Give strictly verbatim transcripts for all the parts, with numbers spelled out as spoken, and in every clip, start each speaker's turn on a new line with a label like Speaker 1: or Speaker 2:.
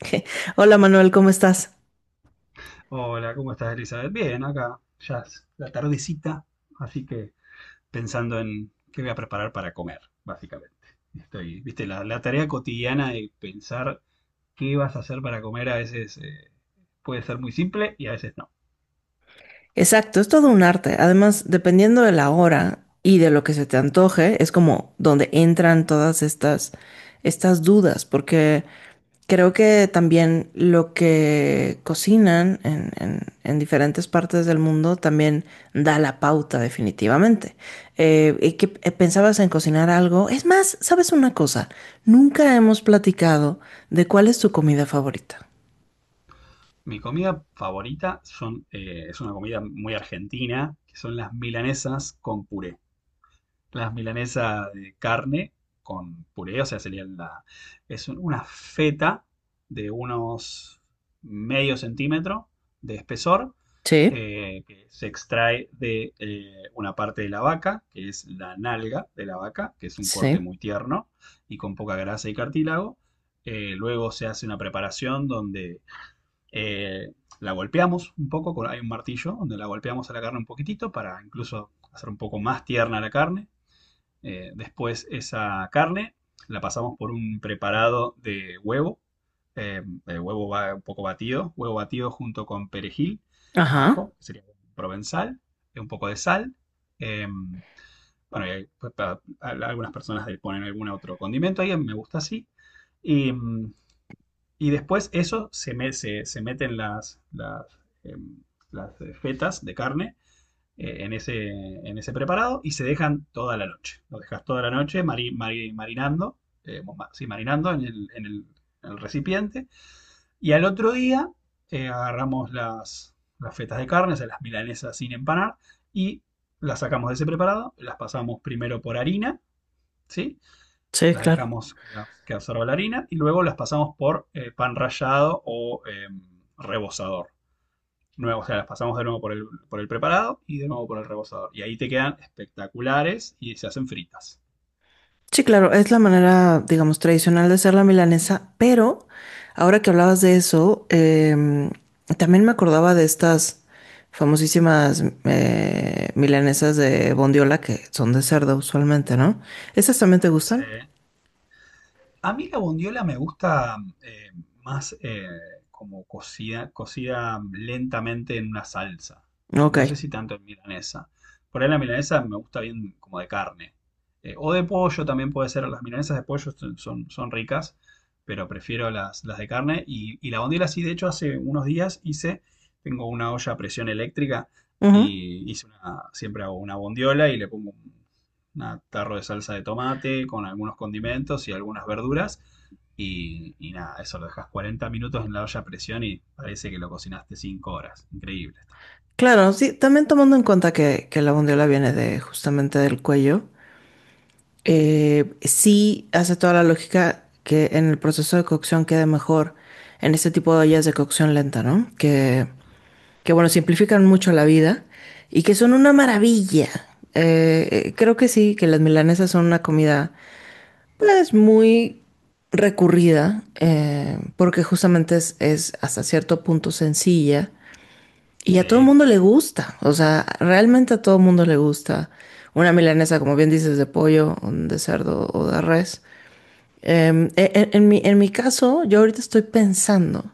Speaker 1: Hola Manuel, ¿cómo estás?
Speaker 2: Hola, ¿cómo estás, Elizabeth? Bien, acá ya es la tardecita, así que pensando en qué voy a preparar para comer, básicamente. Estoy, viste, la, la tarea cotidiana de pensar qué vas a hacer para comer a veces eh, puede ser muy simple y a veces no.
Speaker 1: Exacto, es todo un arte. Además, dependiendo de la hora y de lo que se te antoje, es como donde entran todas estas, estas dudas, porque creo que también lo que cocinan en, en- en diferentes partes del mundo también da la pauta definitivamente. Eh, ¿y qué- eh, pensabas en cocinar algo? Es más, ¿sabes una cosa? Nunca hemos platicado de cuál es tu comida favorita.
Speaker 2: Mi comida favorita son, eh, es una comida muy argentina, que son las milanesas con puré. Las milanesas de carne con puré, o sea, sería la, es un- una feta de unos medio centímetro de espesor,
Speaker 1: Sí,
Speaker 2: eh, que se extrae de eh, una parte de la vaca, que es la nalga de la vaca, que es un
Speaker 1: sí.
Speaker 2: corte muy tierno y con poca grasa y cartílago. Eh, luego se hace una preparación donde eh, la golpeamos un poco, con- hay un martillo donde la golpeamos a la carne un poquitito para incluso hacer un poco más tierna la carne. Eh, después esa carne la pasamos por un preparado de huevo, eh, el huevo va un poco batido, huevo batido junto con perejil,
Speaker 1: Ajá.
Speaker 2: ajo, que sería provenzal, un poco de sal. eh, bueno, y hay- pa- pa- a- algunas personas le ponen algún otro condimento ahí, a mí me gusta así. Y, mm, y después eso se, me- se, se meten las, las, em, las eh, fetas de carne eh, en ese, en ese preparado y se dejan toda la noche. Lo dejas toda la noche mari- mari- marinando, eh, sí, marinando en el, en el- en el recipiente. Y al otro día eh, agarramos las, las fetas de carne, o sea, las milanesas sin empanar, y las sacamos de ese preparado, las pasamos primero por harina, ¿sí?
Speaker 1: Sí,
Speaker 2: Las
Speaker 1: claro.
Speaker 2: dejamos que absorba la harina y luego las pasamos por eh, pan rallado o em, rebozador nuevo, o sea, las pasamos de nuevo por el, por el preparado y de nuevo por el rebosador. Y ahí te quedan espectaculares y se hacen fritas.
Speaker 1: Sí, claro, es la manera, digamos, tradicional de hacer la milanesa, pero ahora que hablabas de eso, em, también me acordaba de estas famosísimas eh, milanesas de bondiola que son de cerdo usualmente, ¿no? ¿Esas también te gustan?
Speaker 2: Se, a mí la bondiola me gusta eh, más, eh, como cocida, cocida lentamente en una salsa.
Speaker 1: Ok.
Speaker 2: No sé si tanto en milanesa. Por ahí la milanesa me gusta bien como de carne. Eh, o de pollo también puede ser. Las milanesas de pollo son, son, son ricas, pero prefiero las, las de carne. Y, y la bondiola sí, de hecho, hace unos días hice, tengo una olla a presión eléctrica
Speaker 1: Ujú.
Speaker 2: y hice una, siempre hago una bondiola y le pongo un un tarro de salsa de tomate con algunos condimentos y algunas verduras. Y, y nada, eso lo dejas cuarenta minutos en la olla a presión y parece que lo cocinaste cinco horas. Increíble está.
Speaker 1: Claro, sí, también tomando en cuenta que, que la bondiola viene de justamente del cuello. Eh, sí hace toda la lógica que en el proceso de cocción quede mejor en este tipo de ollas de cocción lenta, ¿no? Que, que bueno, simplifican mucho la vida y que son una maravilla. Eh, eh, creo que sí, que las milanesas son una comida pues muy recurrida eh, porque justamente es, es hasta cierto punto sencilla y a todo el
Speaker 2: Sí.
Speaker 1: mundo le gusta, o sea, realmente a todo el mundo le gusta una milanesa, como bien dices, de pollo, o de cerdo o de res. Em, e- en, en mi, en mi caso, yo ahorita estoy pensando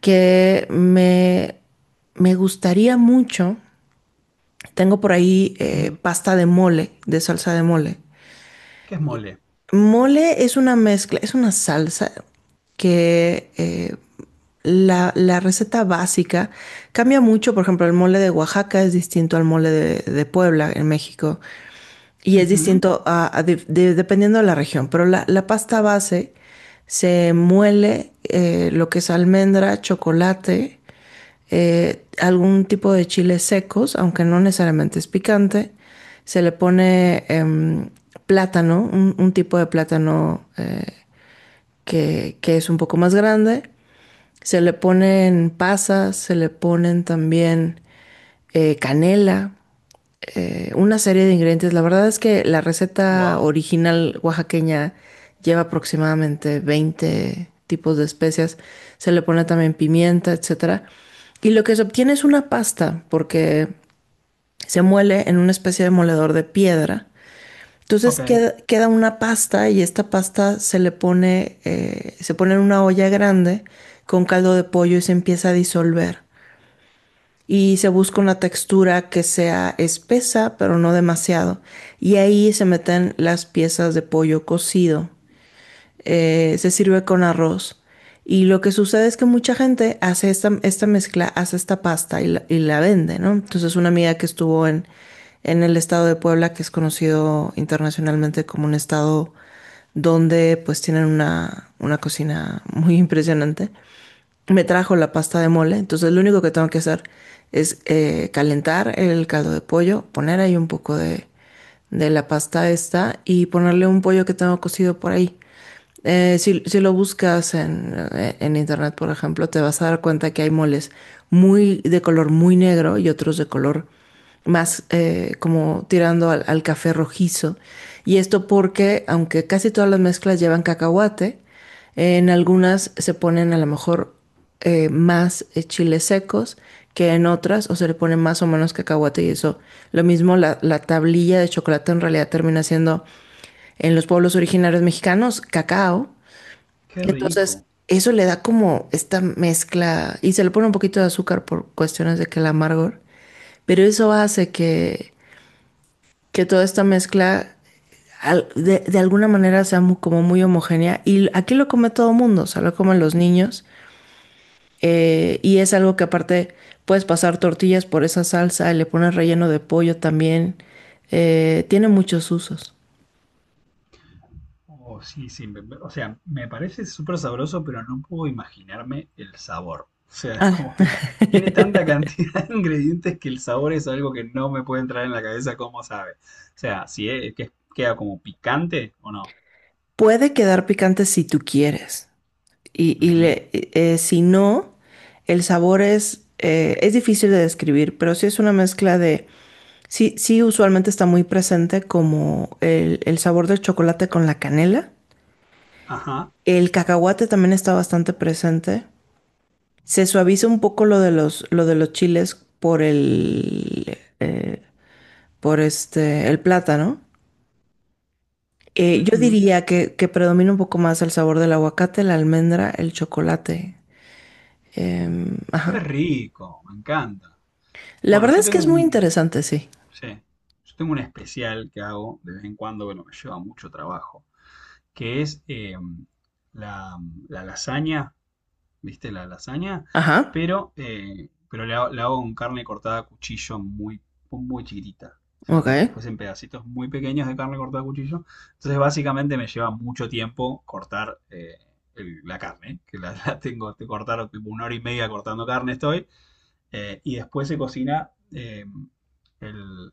Speaker 1: que me, me gustaría mucho, tengo por ahí eh,
Speaker 2: Ujú.
Speaker 1: pasta de mole, de salsa de mole.
Speaker 2: ¿Qué es mole?
Speaker 1: Mole es una mezcla, es una salsa que eh, la, la receta básica cambia mucho. Por ejemplo, el mole de Oaxaca es distinto al mole de, de Puebla en México y es distinto a- a de- de- dependiendo de la región. Pero la, la pasta base se muele eh, lo que es almendra, chocolate eh, algún tipo de chiles secos, aunque no necesariamente es picante. Se le pone em, plátano, un, un tipo de plátano eh, que, que es un poco más grande. Se le ponen pasas, se le ponen también eh, canela, eh, una serie de ingredientes. La verdad es que la receta
Speaker 2: Wow.
Speaker 1: original oaxaqueña lleva aproximadamente veinte tipos de especias. Se le pone también pimienta, etcétera. Y lo que se obtiene es una pasta, porque se muele en una especie de moledor de piedra entonces
Speaker 2: Ok.
Speaker 1: queda, queda una pasta y esta pasta se le pone, eh, se pone en una olla grande con caldo de pollo y se empieza a disolver. Y se busca una textura que sea espesa, pero no demasiado. Y ahí se meten las piezas de pollo cocido, eh, se sirve con arroz. Y lo que sucede es que mucha gente hace esta, esta mezcla, hace esta pasta y la, y la vende, ¿no? Entonces una amiga que estuvo en, en el estado de Puebla, que es conocido internacionalmente como un estado donde pues tienen una, una cocina muy impresionante, me trajo la pasta de mole. Entonces lo único que tengo que hacer es eh, calentar el caldo de pollo, poner ahí un poco de, de la pasta esta y ponerle un pollo que tengo cocido por ahí. Eh, si, si lo buscas en, eh, en internet, por ejemplo, te vas a dar cuenta que hay moles muy de color muy negro y otros de color más eh, como tirando al, al café rojizo. Y esto porque, aunque casi todas las mezclas llevan cacahuate, en algunas se ponen a lo mejor eh, más eh, chiles secos que en otras, o se le pone más o menos cacahuate y eso. Lo mismo la, la tablilla de chocolate en realidad termina siendo en los pueblos originarios mexicanos cacao.
Speaker 2: Qué
Speaker 1: Entonces,
Speaker 2: rico.
Speaker 1: eso le da como esta mezcla y se le pone un poquito de azúcar por cuestiones de que el amargor, pero eso hace que que toda esta mezcla al- de, de alguna manera sea mu- como muy homogénea. Y aquí lo come todo mundo, o sea, lo comen los niños. Eh, y es algo que aparte puedes pasar tortillas por esa salsa y le pones relleno de pollo también. Eh, tiene muchos usos.
Speaker 2: Oh, sí, sí, me- me- o sea, me parece súper sabroso, pero no puedo imaginarme el sabor. O sea, es
Speaker 1: Ah,
Speaker 2: como que tiene tanta cantidad de ingredientes que el sabor es algo que no me puede entrar en la cabeza cómo sabe. O sea, si es, que queda como picante o no.
Speaker 1: puede quedar picante si tú quieres. Y, y
Speaker 2: Ujú.
Speaker 1: le- eh, si no, el sabor es, eh, es difícil de describir, pero sí es una mezcla de. Sí, sí, usualmente está muy presente como el, el sabor del chocolate con la canela.
Speaker 2: Ajá.
Speaker 1: El cacahuate también está bastante presente. Se suaviza un poco lo de los, lo de los chiles por el, eh, por este, el plátano. Eh, yo
Speaker 2: Ujú.
Speaker 1: diría que, que predomina un poco más el sabor del aguacate, la almendra, el chocolate. Em,
Speaker 2: Qué
Speaker 1: ajá.
Speaker 2: rico, me encanta.
Speaker 1: La
Speaker 2: Bueno,
Speaker 1: verdad
Speaker 2: yo
Speaker 1: es que
Speaker 2: tengo
Speaker 1: es muy
Speaker 2: un,
Speaker 1: interesante, sí.
Speaker 2: sí, yo tengo un especial que hago de vez en cuando, bueno, me lleva mucho trabajo, que es em, la, la lasaña, ¿viste? La lasaña,
Speaker 1: Ajá.
Speaker 2: pero, eh, pero la, la hago con carne cortada a cuchillo muy, muy chiquitita. O sea,
Speaker 1: Ok.
Speaker 2: como si fuesen pedacitos muy pequeños de carne cortada a cuchillo. Entonces, básicamente me lleva mucho tiempo cortar eh, el- la carne, ¿eh? Que la, la tengo que cortar tipo una hora y media cortando carne estoy. Eh, y después se cocina eh, el,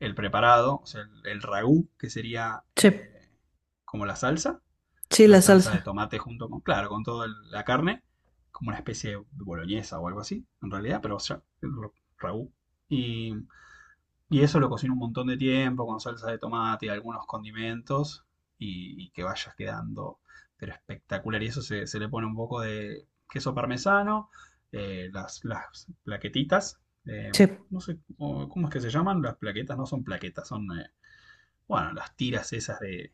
Speaker 2: el preparado, o sea, el, el ragú, que sería
Speaker 1: Sí.
Speaker 2: eh, como la salsa
Speaker 1: Sí,
Speaker 2: la
Speaker 1: la
Speaker 2: salsa de
Speaker 1: salsa.
Speaker 2: tomate junto con, claro, con toda la carne, como una especie de boloñesa o algo así, en realidad, pero ya, el raú. Y, y eso lo cocino un montón de tiempo con salsa de tomate y algunos condimentos y, y que vaya quedando, pero espectacular. Y eso se, se le pone un poco de queso parmesano, eh, las, las plaquetitas, eh,
Speaker 1: Sí.
Speaker 2: no sé cómo, cómo es que se llaman, las plaquetas no son plaquetas, son, eh, bueno, las tiras esas de,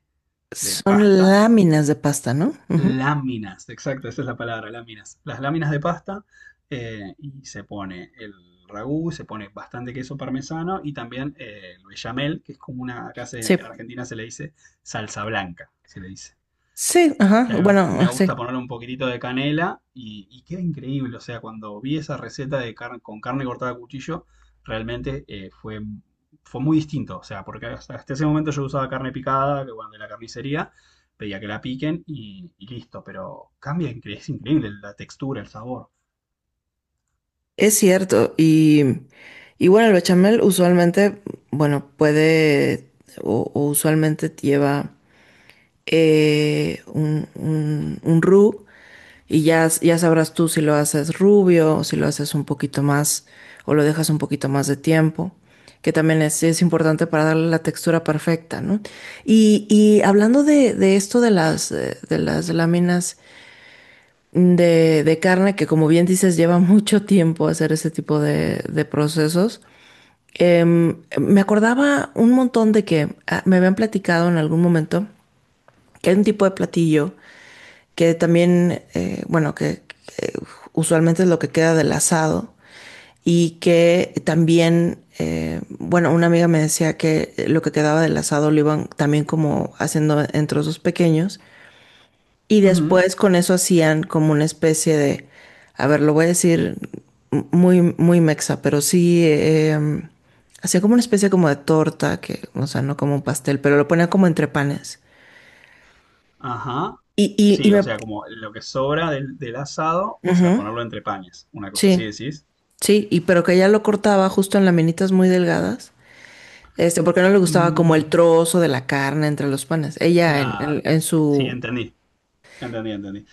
Speaker 2: de
Speaker 1: Son
Speaker 2: pasta.
Speaker 1: láminas de pasta, ¿no? Ujú.
Speaker 2: Láminas, exacto, esa es la palabra, láminas. Las láminas de pasta, eh, y se pone el ragú, se pone bastante queso parmesano y también eh, el bechamel, que es como una, acá se-
Speaker 1: Sí.
Speaker 2: en Argentina se le dice salsa blanca, se le dice,
Speaker 1: Sí, ajá,
Speaker 2: que a mí
Speaker 1: bueno,
Speaker 2: me
Speaker 1: ah, sí,
Speaker 2: gusta ponerle un poquitito de canela y, y queda increíble. O sea, cuando vi esa receta de car- con carne cortada a cuchillo, realmente eh, fue, fue muy distinto. O sea, porque hasta, hasta ese momento yo usaba carne picada, que bueno, de la carnicería, pedía que la piquen y, y listo. Pero cambia, incre- es increíble la textura, el sabor.
Speaker 1: es cierto. Y, y bueno, el bechamel usualmente, bueno, puede o, o usualmente lleva eh, un, un, un roux y ya, ya sabrás tú si lo haces rubio o si lo haces un poquito más o lo dejas un poquito más de tiempo, que también es, es importante para darle la textura perfecta, ¿no? Y, y hablando de, de esto de las, eh, de las láminas de, de carne, que como bien dices, lleva mucho tiempo hacer ese tipo de, de procesos, eh, me acordaba un montón de que ah, me habían platicado en algún momento que hay un tipo de platillo que también, eh, bueno, que, que usualmente es lo que queda del asado y que también, eh, bueno, una amiga me decía que lo que quedaba del asado lo iban también como haciendo en trozos pequeños y
Speaker 2: Ujú.
Speaker 1: después con eso hacían como una especie de, a ver, lo voy a decir muy, muy mexa, pero sí, eh, hacía como una especie como de torta, que, o sea, no como un pastel, pero lo ponía como entre panes.
Speaker 2: Ajá.
Speaker 1: Y, y, y
Speaker 2: Sí, o
Speaker 1: me,
Speaker 2: sea, como lo que sobra del, del asado, o sea, ponerlo entre panes. Una cosa así
Speaker 1: sí.
Speaker 2: decís.
Speaker 1: Sí, y pero que ella lo cortaba justo en laminitas muy delgadas, este, porque no le gustaba como el
Speaker 2: Mm,
Speaker 1: trozo de la carne entre los panes. Ella en,
Speaker 2: claro.
Speaker 1: en- en
Speaker 2: Sí,
Speaker 1: su...
Speaker 2: entendí. Entendí, entendí.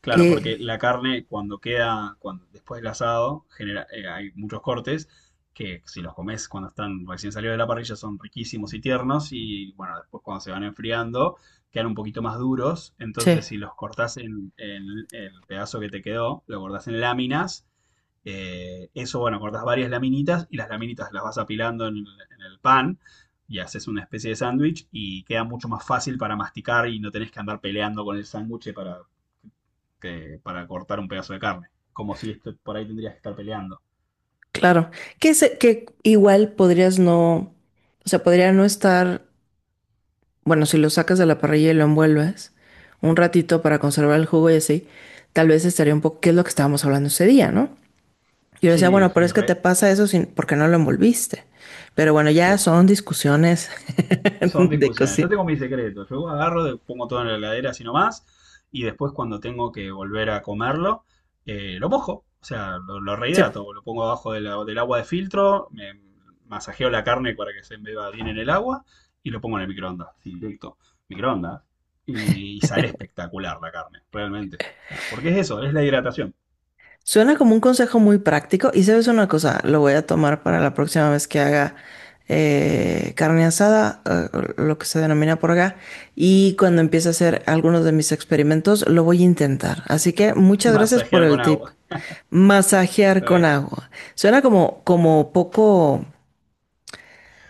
Speaker 2: Claro, porque
Speaker 1: eh,
Speaker 2: la carne cuando queda, cuando después del asado, genera, eh, hay muchos cortes que si los comes cuando están recién salidos de la parrilla son riquísimos y tiernos y bueno, después cuando se van enfriando quedan un poquito más duros,
Speaker 1: sí,
Speaker 2: entonces si los cortás en, en el pedazo que te quedó, lo cortás en láminas, eh, eso bueno, cortás varias laminitas y las laminitas las vas apilando en, el en el pan y haces una especie de sándwich y queda mucho más fácil para masticar y no tenés que andar peleando con el sándwich para que para cortar un pedazo de carne. Como si esto- Por ahí tendrías que estar peleando.
Speaker 1: claro. Que, se- que igual podrías no... O sea, podría no estar... Bueno, si lo sacas de la parrilla y lo envuelves un ratito para conservar el jugo y así, tal vez estaría un poco... ¿Qué es lo que estábamos hablando ese día, no? Y yo le decía,
Speaker 2: Sí,
Speaker 1: bueno, pero
Speaker 2: sí,
Speaker 1: es que te
Speaker 2: re,
Speaker 1: pasa eso sin, porque no lo envolviste. Pero bueno, ya
Speaker 2: sí.
Speaker 1: son discusiones
Speaker 2: Son
Speaker 1: de
Speaker 2: discusiones. Yo
Speaker 1: cocina.
Speaker 2: tengo mis secretos. Yo agarro, pongo todo en la heladera así nomás. Y después cuando tengo que volver a comerlo, eh, lo mojo. O sea, lo, lo
Speaker 1: Sí.
Speaker 2: rehidrato. Lo pongo abajo de la- del agua de filtro. Me masajeo la carne para que se embeba bien en el agua. Y lo pongo en el microondas. Sí, directo. Microondas. Y, y sale espectacular la carne, realmente. O sea, porque es eso, es la hidratación.
Speaker 1: Suena como un consejo muy práctico y sabes una cosa, lo voy a tomar para la próxima vez que haga eh, carne asada, eh, lo que se denomina por acá, y cuando empiece a hacer algunos de mis experimentos, lo voy a intentar. Así que muchas gracias por
Speaker 2: Masajear con
Speaker 1: el tip.
Speaker 2: agua. Re,
Speaker 1: Masajear
Speaker 2: está
Speaker 1: con
Speaker 2: bien.
Speaker 1: agua. Suena como, como poco,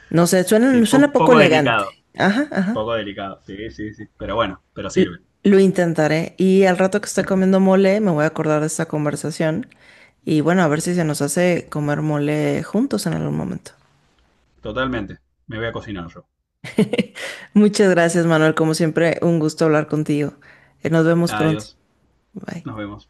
Speaker 1: no sé,
Speaker 2: Sí,
Speaker 1: suena, suena
Speaker 2: po-
Speaker 1: poco
Speaker 2: poco delicado.
Speaker 1: elegante. Ajá, ajá.
Speaker 2: Poco delicado. Sí, sí, sí. Pero bueno, pero sirve.
Speaker 1: L- Lo intentaré y al rato que esté comiendo mole me voy a acordar de esta conversación y bueno, a ver si se nos hace comer mole juntos en algún momento.
Speaker 2: Totalmente. Me voy a cocinar yo.
Speaker 1: Muchas gracias, Manuel. Como siempre, un gusto hablar contigo. Eh, Nos vemos pronto.
Speaker 2: Adiós.
Speaker 1: Bye.
Speaker 2: Nos vemos.